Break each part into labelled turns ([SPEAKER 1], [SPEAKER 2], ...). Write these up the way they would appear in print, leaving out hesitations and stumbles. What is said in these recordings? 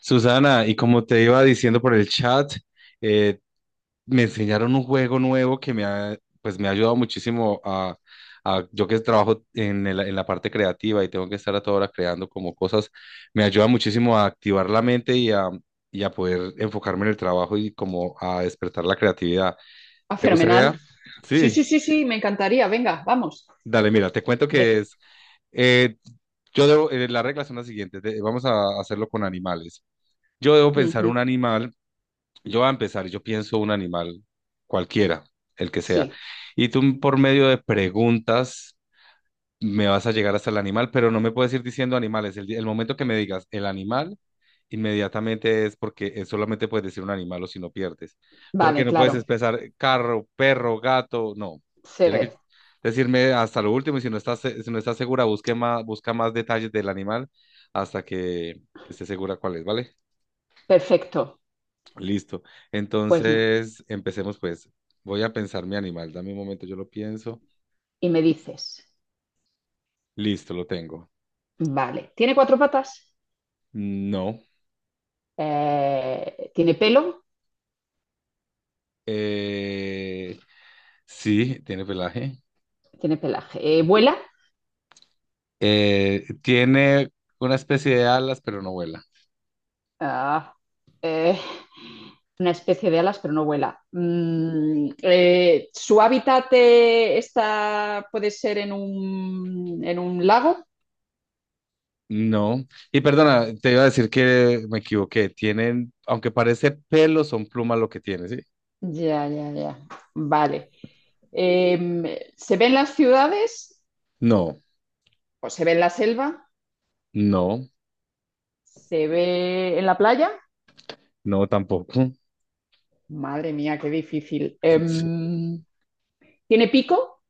[SPEAKER 1] Susana, y como te iba diciendo por el chat, eh, me enseñaron un juego nuevo que me ha, pues me ha ayudado muchísimo a, yo que trabajo en, en la parte creativa y tengo que estar a toda hora creando como cosas, me ayuda muchísimo a activar la mente y a poder enfocarme en el trabajo y como a despertar la creatividad.
[SPEAKER 2] Ah,
[SPEAKER 1] ¿Te gustaría?
[SPEAKER 2] fenomenal. Sí,
[SPEAKER 1] Sí,
[SPEAKER 2] sí, sí, sí, me encantaría. Venga, vamos.
[SPEAKER 1] dale, mira, te cuento que
[SPEAKER 2] De-
[SPEAKER 1] es, eh, yo debo, las reglas son las siguientes, vamos a hacerlo con animales. Yo debo pensar un
[SPEAKER 2] Ujú,
[SPEAKER 1] animal. Yo voy a empezar, yo pienso un animal, cualquiera, el que sea.
[SPEAKER 2] sí,
[SPEAKER 1] Y tú por medio de preguntas me vas a llegar hasta el animal, pero no me puedes ir diciendo animales. El, el momento que me digas el animal, inmediatamente es porque solamente puedes decir un animal o si no pierdes. Porque
[SPEAKER 2] vale,
[SPEAKER 1] no puedes
[SPEAKER 2] claro.
[SPEAKER 1] empezar carro, perro, gato, no.
[SPEAKER 2] Sí,
[SPEAKER 1] Tiene que decirme hasta lo último y si no estás, si no estás segura, busque más, busca más detalles del animal hasta que esté segura cuál es, ¿vale?
[SPEAKER 2] perfecto.
[SPEAKER 1] Listo.
[SPEAKER 2] Pues no.
[SPEAKER 1] Entonces, empecemos pues. Voy a pensar mi animal. Dame un momento, yo lo pienso.
[SPEAKER 2] Y me dices,
[SPEAKER 1] Listo, lo tengo.
[SPEAKER 2] vale, ¿tiene cuatro patas?
[SPEAKER 1] No.
[SPEAKER 2] ¿Tiene pelo?
[SPEAKER 1] Eh, sí, tiene pelaje.
[SPEAKER 2] Tiene pelaje. ¿Vuela?
[SPEAKER 1] Tiene una especie de alas, pero no vuela.
[SPEAKER 2] Ah, eh, una especie de alas, pero no vuela. ¿Su hábitat está, puede ser en en un lago?
[SPEAKER 1] No. Y perdona, te iba a decir que me equivoqué. Tienen, aunque parece pelo, son plumas lo que tiene, ¿sí?
[SPEAKER 2] Ya, ya, ya. Vale. Em, ¿Se ven las ciudades?
[SPEAKER 1] No,
[SPEAKER 2] ¿O se ve en la selva?
[SPEAKER 1] no,
[SPEAKER 2] ¿Se ve en la playa?
[SPEAKER 1] no tampoco.
[SPEAKER 2] Madre mía, qué difícil.
[SPEAKER 1] Sí.
[SPEAKER 2] ¿Tiene pico?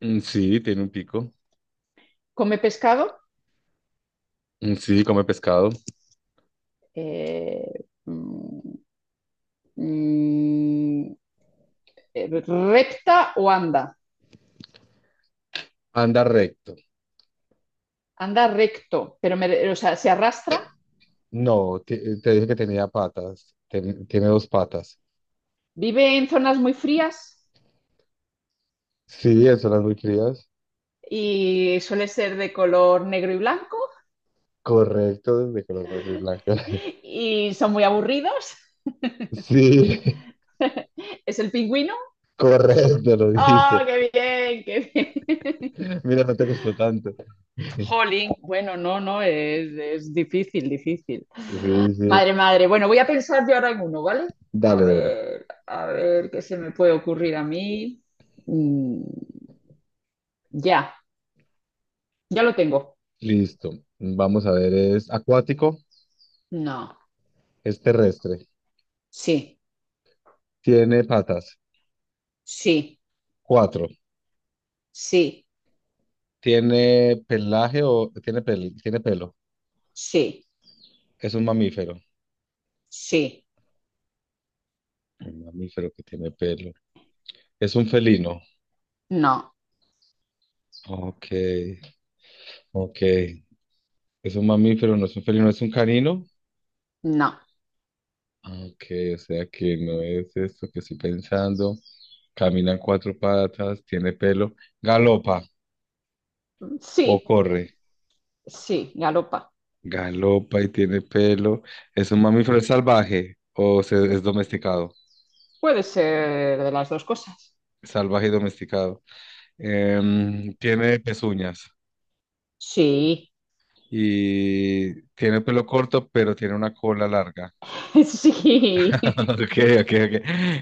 [SPEAKER 1] Mm, sí, tiene un pico.
[SPEAKER 2] ¿Come pescado?
[SPEAKER 1] Mm, sí, come pescado.
[SPEAKER 2] Eh, mm, mm, eh, ¿Recta o anda?
[SPEAKER 1] Anda recto.
[SPEAKER 2] Anda recto, o sea, se arrastra.
[SPEAKER 1] No, te, te dije que tenía patas. Tiene dos patas.
[SPEAKER 2] ¿Vive en zonas muy frías?
[SPEAKER 1] Sí, eso las muy crías.
[SPEAKER 2] Y suele ser de color negro y blanco.
[SPEAKER 1] Correcto, de color negro y blanco.
[SPEAKER 2] Y son muy aburridos.
[SPEAKER 1] Sí,
[SPEAKER 2] ¿Es el pingüino?
[SPEAKER 1] correcto, lo
[SPEAKER 2] ¡Oh,
[SPEAKER 1] dijiste.
[SPEAKER 2] qué bien, qué bien!
[SPEAKER 1] Mira, no te costó tanto.
[SPEAKER 2] Jolín. Bueno, no, no, es difícil, difícil.
[SPEAKER 1] Sí, sí.
[SPEAKER 2] Madre, madre. Bueno, voy a pensar yo ahora en uno, ¿vale?
[SPEAKER 1] Dale, Débora.
[SPEAKER 2] A ver qué se me puede ocurrir a mí. Mm, ya, ya lo tengo.
[SPEAKER 1] Listo. Vamos a ver, es acuático,
[SPEAKER 2] No,
[SPEAKER 1] es terrestre.
[SPEAKER 2] sí,
[SPEAKER 1] Tiene patas.
[SPEAKER 2] sí,
[SPEAKER 1] Cuatro.
[SPEAKER 2] sí,
[SPEAKER 1] Tiene pelaje o tiene tiene pelo.
[SPEAKER 2] sí,
[SPEAKER 1] Es un mamífero.
[SPEAKER 2] sí,
[SPEAKER 1] Un mamífero que tiene pelo. Es un felino.
[SPEAKER 2] no,
[SPEAKER 1] Ok, ok. Es un mamífero, no es un felino, es un canino.
[SPEAKER 2] no,
[SPEAKER 1] Ah, ok, o sea que no es esto que estoy pensando. Camina en cuatro patas, tiene pelo, galopa o
[SPEAKER 2] sí,
[SPEAKER 1] corre.
[SPEAKER 2] sí, galopa.
[SPEAKER 1] Galopa y tiene pelo. Es un mamífero, es salvaje o es domesticado.
[SPEAKER 2] Puede ser de las dos cosas.
[SPEAKER 1] Salvaje y domesticado. Em, tiene pezuñas
[SPEAKER 2] Sí,
[SPEAKER 1] y tiene pelo corto, pero tiene una cola larga.
[SPEAKER 2] sí.
[SPEAKER 1] Ok, ok, ok.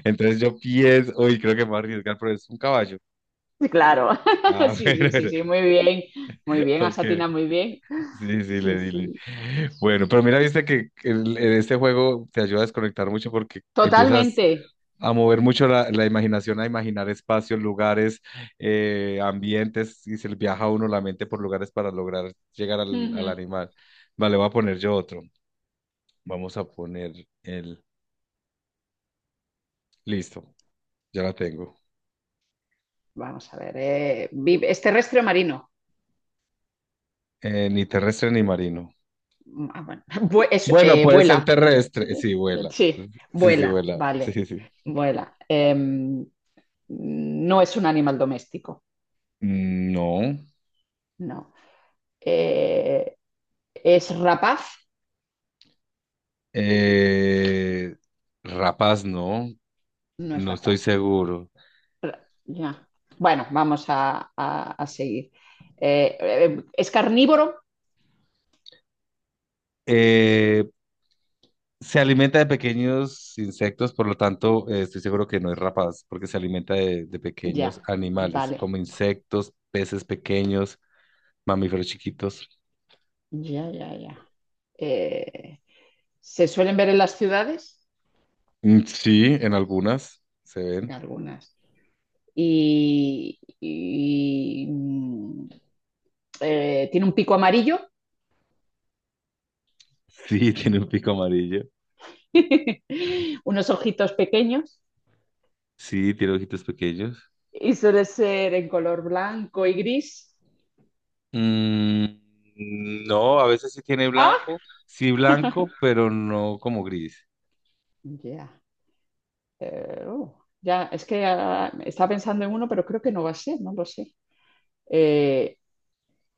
[SPEAKER 1] Entonces yo pienso, uy, creo que me voy a arriesgar, pero es un caballo.
[SPEAKER 2] Claro,
[SPEAKER 1] Ah,
[SPEAKER 2] sí,
[SPEAKER 1] bueno,
[SPEAKER 2] sí,
[SPEAKER 1] bueno,
[SPEAKER 2] sí, sí, muy bien, has
[SPEAKER 1] ok.
[SPEAKER 2] atinado muy bien.
[SPEAKER 1] Sí, sí, le
[SPEAKER 2] Sí,
[SPEAKER 1] dile.
[SPEAKER 2] sí,
[SPEAKER 1] Bueno, pero mira, viste que en este juego te ayuda a desconectar mucho porque empiezas
[SPEAKER 2] totalmente.
[SPEAKER 1] a mover mucho la, la imaginación, a imaginar espacios, lugares, ambientes, y se le viaja a uno la mente por lugares para lograr llegar al, al
[SPEAKER 2] Ujú.
[SPEAKER 1] animal. Vale, voy a poner yo otro. Vamos a poner el... Listo, ya la tengo.
[SPEAKER 2] Vamos a ver, es terrestre o marino.
[SPEAKER 1] Ni terrestre ni marino.
[SPEAKER 2] Ah, bueno.
[SPEAKER 1] Bueno, puede ser
[SPEAKER 2] Vuela,
[SPEAKER 1] terrestre. Sí, vuela.
[SPEAKER 2] sí,
[SPEAKER 1] Sí, sí,
[SPEAKER 2] vuela,
[SPEAKER 1] vuela. Sí,
[SPEAKER 2] vale,
[SPEAKER 1] sí, sí.
[SPEAKER 2] vuela. No es un animal doméstico,
[SPEAKER 1] No.
[SPEAKER 2] no. Eh, ¿Es rapaz?
[SPEAKER 1] Eh, rapaz, no.
[SPEAKER 2] No es
[SPEAKER 1] No estoy
[SPEAKER 2] rapaz.
[SPEAKER 1] seguro.
[SPEAKER 2] Ya. Bueno, vamos a, a seguir. ¿Es carnívoro?
[SPEAKER 1] Eh, se alimenta de pequeños insectos, por lo tanto, estoy seguro que no es rapaz, porque se alimenta de pequeños
[SPEAKER 2] Ya,
[SPEAKER 1] animales,
[SPEAKER 2] vale.
[SPEAKER 1] como insectos, peces pequeños, mamíferos chiquitos.
[SPEAKER 2] Ya, ya, ya. Eh, se suelen ver en las ciudades,
[SPEAKER 1] Mm, sí, en algunas se
[SPEAKER 2] en
[SPEAKER 1] ven.
[SPEAKER 2] algunas. Y, y, mm, tiene un pico amarillo,
[SPEAKER 1] Sí, tiene un pico amarillo.
[SPEAKER 2] unos ojitos pequeños
[SPEAKER 1] Sí, tiene ojitos pequeños.
[SPEAKER 2] y suele ser en color blanco y gris.
[SPEAKER 1] Mm, no, a veces sí tiene
[SPEAKER 2] ¡Ah!
[SPEAKER 1] blanco, sí blanco, pero no como gris.
[SPEAKER 2] Ya. Eh, uh, ya, es que ah, estaba pensando en uno, pero creo que no va a ser, no lo sé. Eh,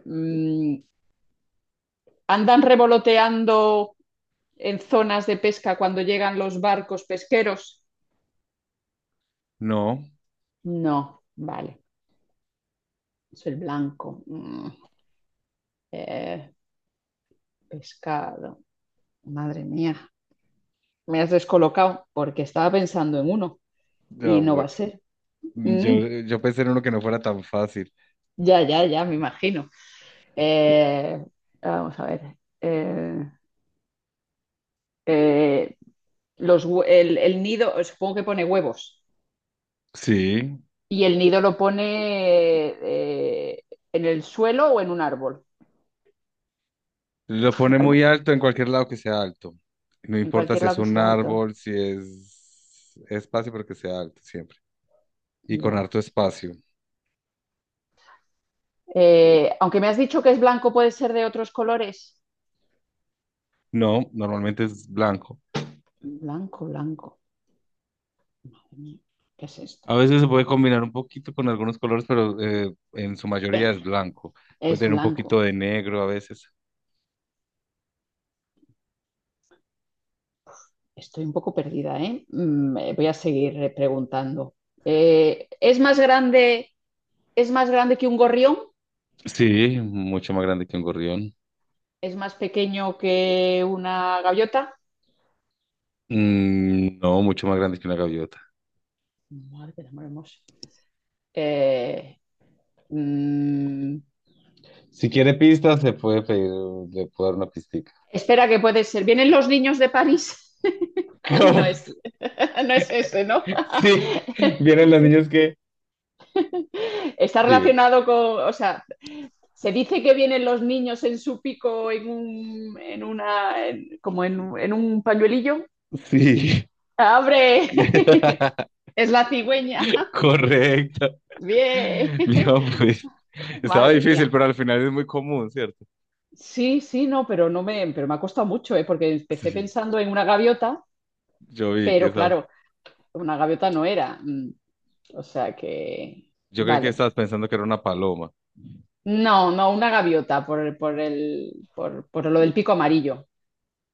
[SPEAKER 2] mm, ¿andan revoloteando en zonas de pesca cuando llegan los barcos pesqueros?
[SPEAKER 1] No,
[SPEAKER 2] No, vale, es el blanco. Eh, pescado, madre mía, me has descolocado porque estaba pensando en uno y
[SPEAKER 1] no,
[SPEAKER 2] no va a
[SPEAKER 1] bueno,
[SPEAKER 2] ser.
[SPEAKER 1] yo,
[SPEAKER 2] Mm,
[SPEAKER 1] yo pensé en uno que no fuera tan fácil.
[SPEAKER 2] ya, ya, ya, me imagino. Eh, vamos a ver. eh, eh, el nido, supongo que pone huevos,
[SPEAKER 1] Sí,
[SPEAKER 2] y el nido lo pone en el suelo o en un árbol.
[SPEAKER 1] lo pone muy
[SPEAKER 2] Calmo.
[SPEAKER 1] alto en cualquier lado que sea alto. No
[SPEAKER 2] En
[SPEAKER 1] importa
[SPEAKER 2] cualquier
[SPEAKER 1] si es
[SPEAKER 2] lado que
[SPEAKER 1] un
[SPEAKER 2] sea alto.
[SPEAKER 1] árbol, si es espacio, pero que sea alto siempre. Y con
[SPEAKER 2] Ya.
[SPEAKER 1] harto espacio.
[SPEAKER 2] Aunque me has dicho que es blanco, ¿puede ser de otros colores?
[SPEAKER 1] No, normalmente es blanco.
[SPEAKER 2] Blanco, blanco. Madre mía, ¿qué es
[SPEAKER 1] A
[SPEAKER 2] esto?
[SPEAKER 1] veces se puede combinar un poquito con algunos colores, pero en su mayoría es blanco. Puede
[SPEAKER 2] Es
[SPEAKER 1] tener un
[SPEAKER 2] blanco.
[SPEAKER 1] poquito de negro a veces.
[SPEAKER 2] Estoy un poco perdida, ¿eh? Voy a seguir preguntando. Eh, ¿es más grande, ¿es más grande que un gorrión?
[SPEAKER 1] Sí, mucho más grande que un gorrión.
[SPEAKER 2] ¿Es más pequeño que una gaviota?
[SPEAKER 1] Mm, no, mucho más grande que una gaviota.
[SPEAKER 2] Madre del amor hermoso. Eh, mm,
[SPEAKER 1] Si quiere pistas, se puede pedir, le puedo dar una pistica.
[SPEAKER 2] espera que puede ser. ¿Vienen los niños de París?
[SPEAKER 1] ¿Cómo?
[SPEAKER 2] No es, no es ese, ¿no?
[SPEAKER 1] Sí, vienen los niños que...
[SPEAKER 2] Está
[SPEAKER 1] Dime.
[SPEAKER 2] relacionado con, o sea, se dice que vienen los niños en su pico en un, en una, en- como en un pañuelillo.
[SPEAKER 1] Sí.
[SPEAKER 2] ¡Abre! Es la cigüeña.
[SPEAKER 1] Correcto.
[SPEAKER 2] Bien.
[SPEAKER 1] Mira, pues estaba
[SPEAKER 2] Madre
[SPEAKER 1] difícil,
[SPEAKER 2] mía.
[SPEAKER 1] pero al final es muy común, ¿cierto?
[SPEAKER 2] Sí, sí, no, pero no me, pero me ha costado mucho, ¿eh? Porque empecé
[SPEAKER 1] Sí,
[SPEAKER 2] pensando en una gaviota,
[SPEAKER 1] yo vi que
[SPEAKER 2] pero
[SPEAKER 1] estaba.
[SPEAKER 2] claro, una gaviota no era. Mm, o sea que,
[SPEAKER 1] Yo creí que
[SPEAKER 2] vale.
[SPEAKER 1] estabas pensando que era una paloma.
[SPEAKER 2] No, no, una gaviota por lo del pico amarillo.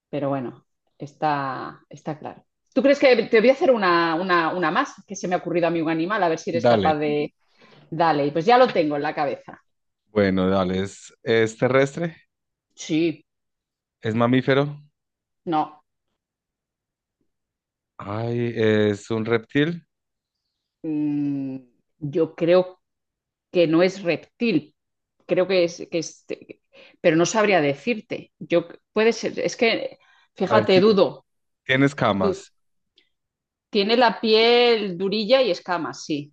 [SPEAKER 2] Pero bueno, está, está claro. ¿Tú crees que te voy a hacer una más que se me ha ocurrido a mí un animal? A ver si eres capaz
[SPEAKER 1] Dale.
[SPEAKER 2] de... Dale, pues ya lo tengo en la cabeza.
[SPEAKER 1] Bueno, dale, es terrestre,
[SPEAKER 2] Sí,
[SPEAKER 1] es mamífero,
[SPEAKER 2] no.
[SPEAKER 1] ay, es un reptil,
[SPEAKER 2] mm, yo creo que no es reptil. Creo que Pero no sabría decirte. Yo, puede ser... Es que,
[SPEAKER 1] a ver,
[SPEAKER 2] fíjate, dudo.
[SPEAKER 1] tiene
[SPEAKER 2] Dudo.
[SPEAKER 1] escamas,
[SPEAKER 2] Tiene la piel durilla y escamas, sí.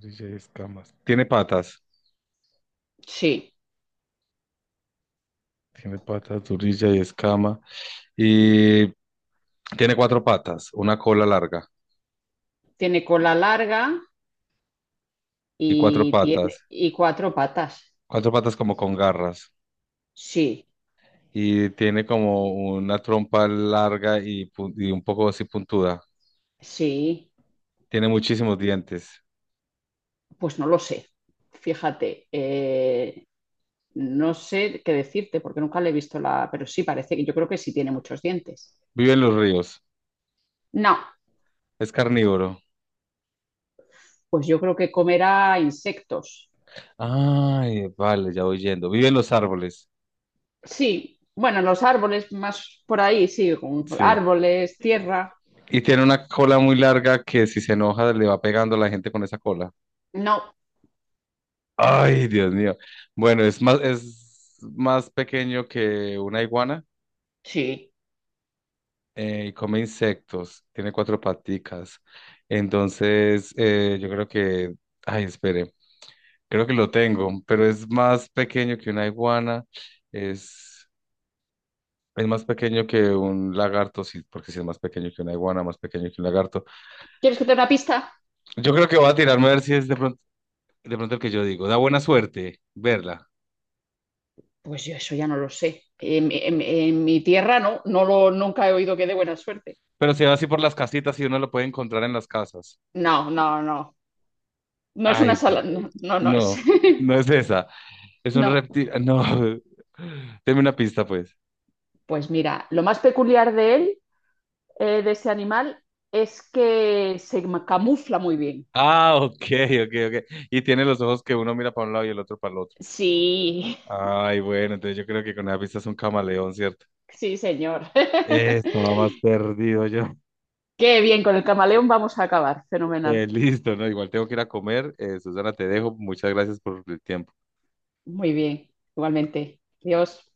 [SPEAKER 1] turilla y escamas,
[SPEAKER 2] Sí.
[SPEAKER 1] tiene patas, turilla y escama, y tiene cuatro patas, una cola larga
[SPEAKER 2] Tiene cola larga
[SPEAKER 1] y
[SPEAKER 2] y tiene y cuatro patas.
[SPEAKER 1] cuatro patas como con garras,
[SPEAKER 2] Sí,
[SPEAKER 1] y tiene como una trompa larga y, y un poco así puntuda,
[SPEAKER 2] sí,
[SPEAKER 1] tiene muchísimos dientes,
[SPEAKER 2] pues no lo sé. Fíjate, no sé qué decirte porque nunca le he visto la, pero sí parece que yo creo que sí tiene muchos dientes.
[SPEAKER 1] vive en los ríos,
[SPEAKER 2] No,
[SPEAKER 1] es carnívoro,
[SPEAKER 2] pues yo creo que comerá insectos.
[SPEAKER 1] ay, vale, ya voy yendo, vive en los árboles.
[SPEAKER 2] Sí, bueno, en los árboles más por ahí, sí, con
[SPEAKER 1] Sí.
[SPEAKER 2] árboles, tierra.
[SPEAKER 1] Y tiene una cola muy larga que si se enoja le va pegando a la gente con esa cola.
[SPEAKER 2] No,
[SPEAKER 1] Ay, Dios mío. Bueno, es más pequeño que una iguana
[SPEAKER 2] sí.
[SPEAKER 1] y come insectos. Tiene cuatro paticas. Entonces, yo creo que, ay, espere, creo que lo tengo, pero es más pequeño que una iguana. Es, es más pequeño que un lagarto, sí, porque si es más pequeño que una iguana, más pequeño que un lagarto.
[SPEAKER 2] ¿Quieres que te dé una pista?
[SPEAKER 1] Yo creo que voy a tirarme a ver si es de pronto. De pronto el que yo digo, da buena suerte verla.
[SPEAKER 2] Pues yo eso ya no lo sé. En mi tierra no, no lo, nunca he oído que dé buena suerte.
[SPEAKER 1] Pero se va así por las casitas y uno lo puede encontrar en las casas.
[SPEAKER 2] No, no, no. No es
[SPEAKER 1] Ay,
[SPEAKER 2] una sala, no, no, no es.
[SPEAKER 1] no, no es esa. Es un
[SPEAKER 2] No.
[SPEAKER 1] reptil. Ah, no, deme una pista, pues.
[SPEAKER 2] Pues mira, lo más peculiar de él, de ese animal, es que camufla muy bien.
[SPEAKER 1] Ah, ok, ok, ok. Y tiene los ojos que uno mira para un lado y el otro para el otro.
[SPEAKER 2] Sí,
[SPEAKER 1] Ay, bueno, entonces yo creo que con esa pista es un camaleón, ¿cierto?
[SPEAKER 2] sí, señor.
[SPEAKER 1] Estaba más perdido yo.
[SPEAKER 2] Qué bien, con el camaleón vamos a acabar. Fenomenal.
[SPEAKER 1] Listo, ¿no? Igual tengo que ir a comer. Susana, te dejo. Muchas gracias por el tiempo.
[SPEAKER 2] Muy bien, igualmente. Dios.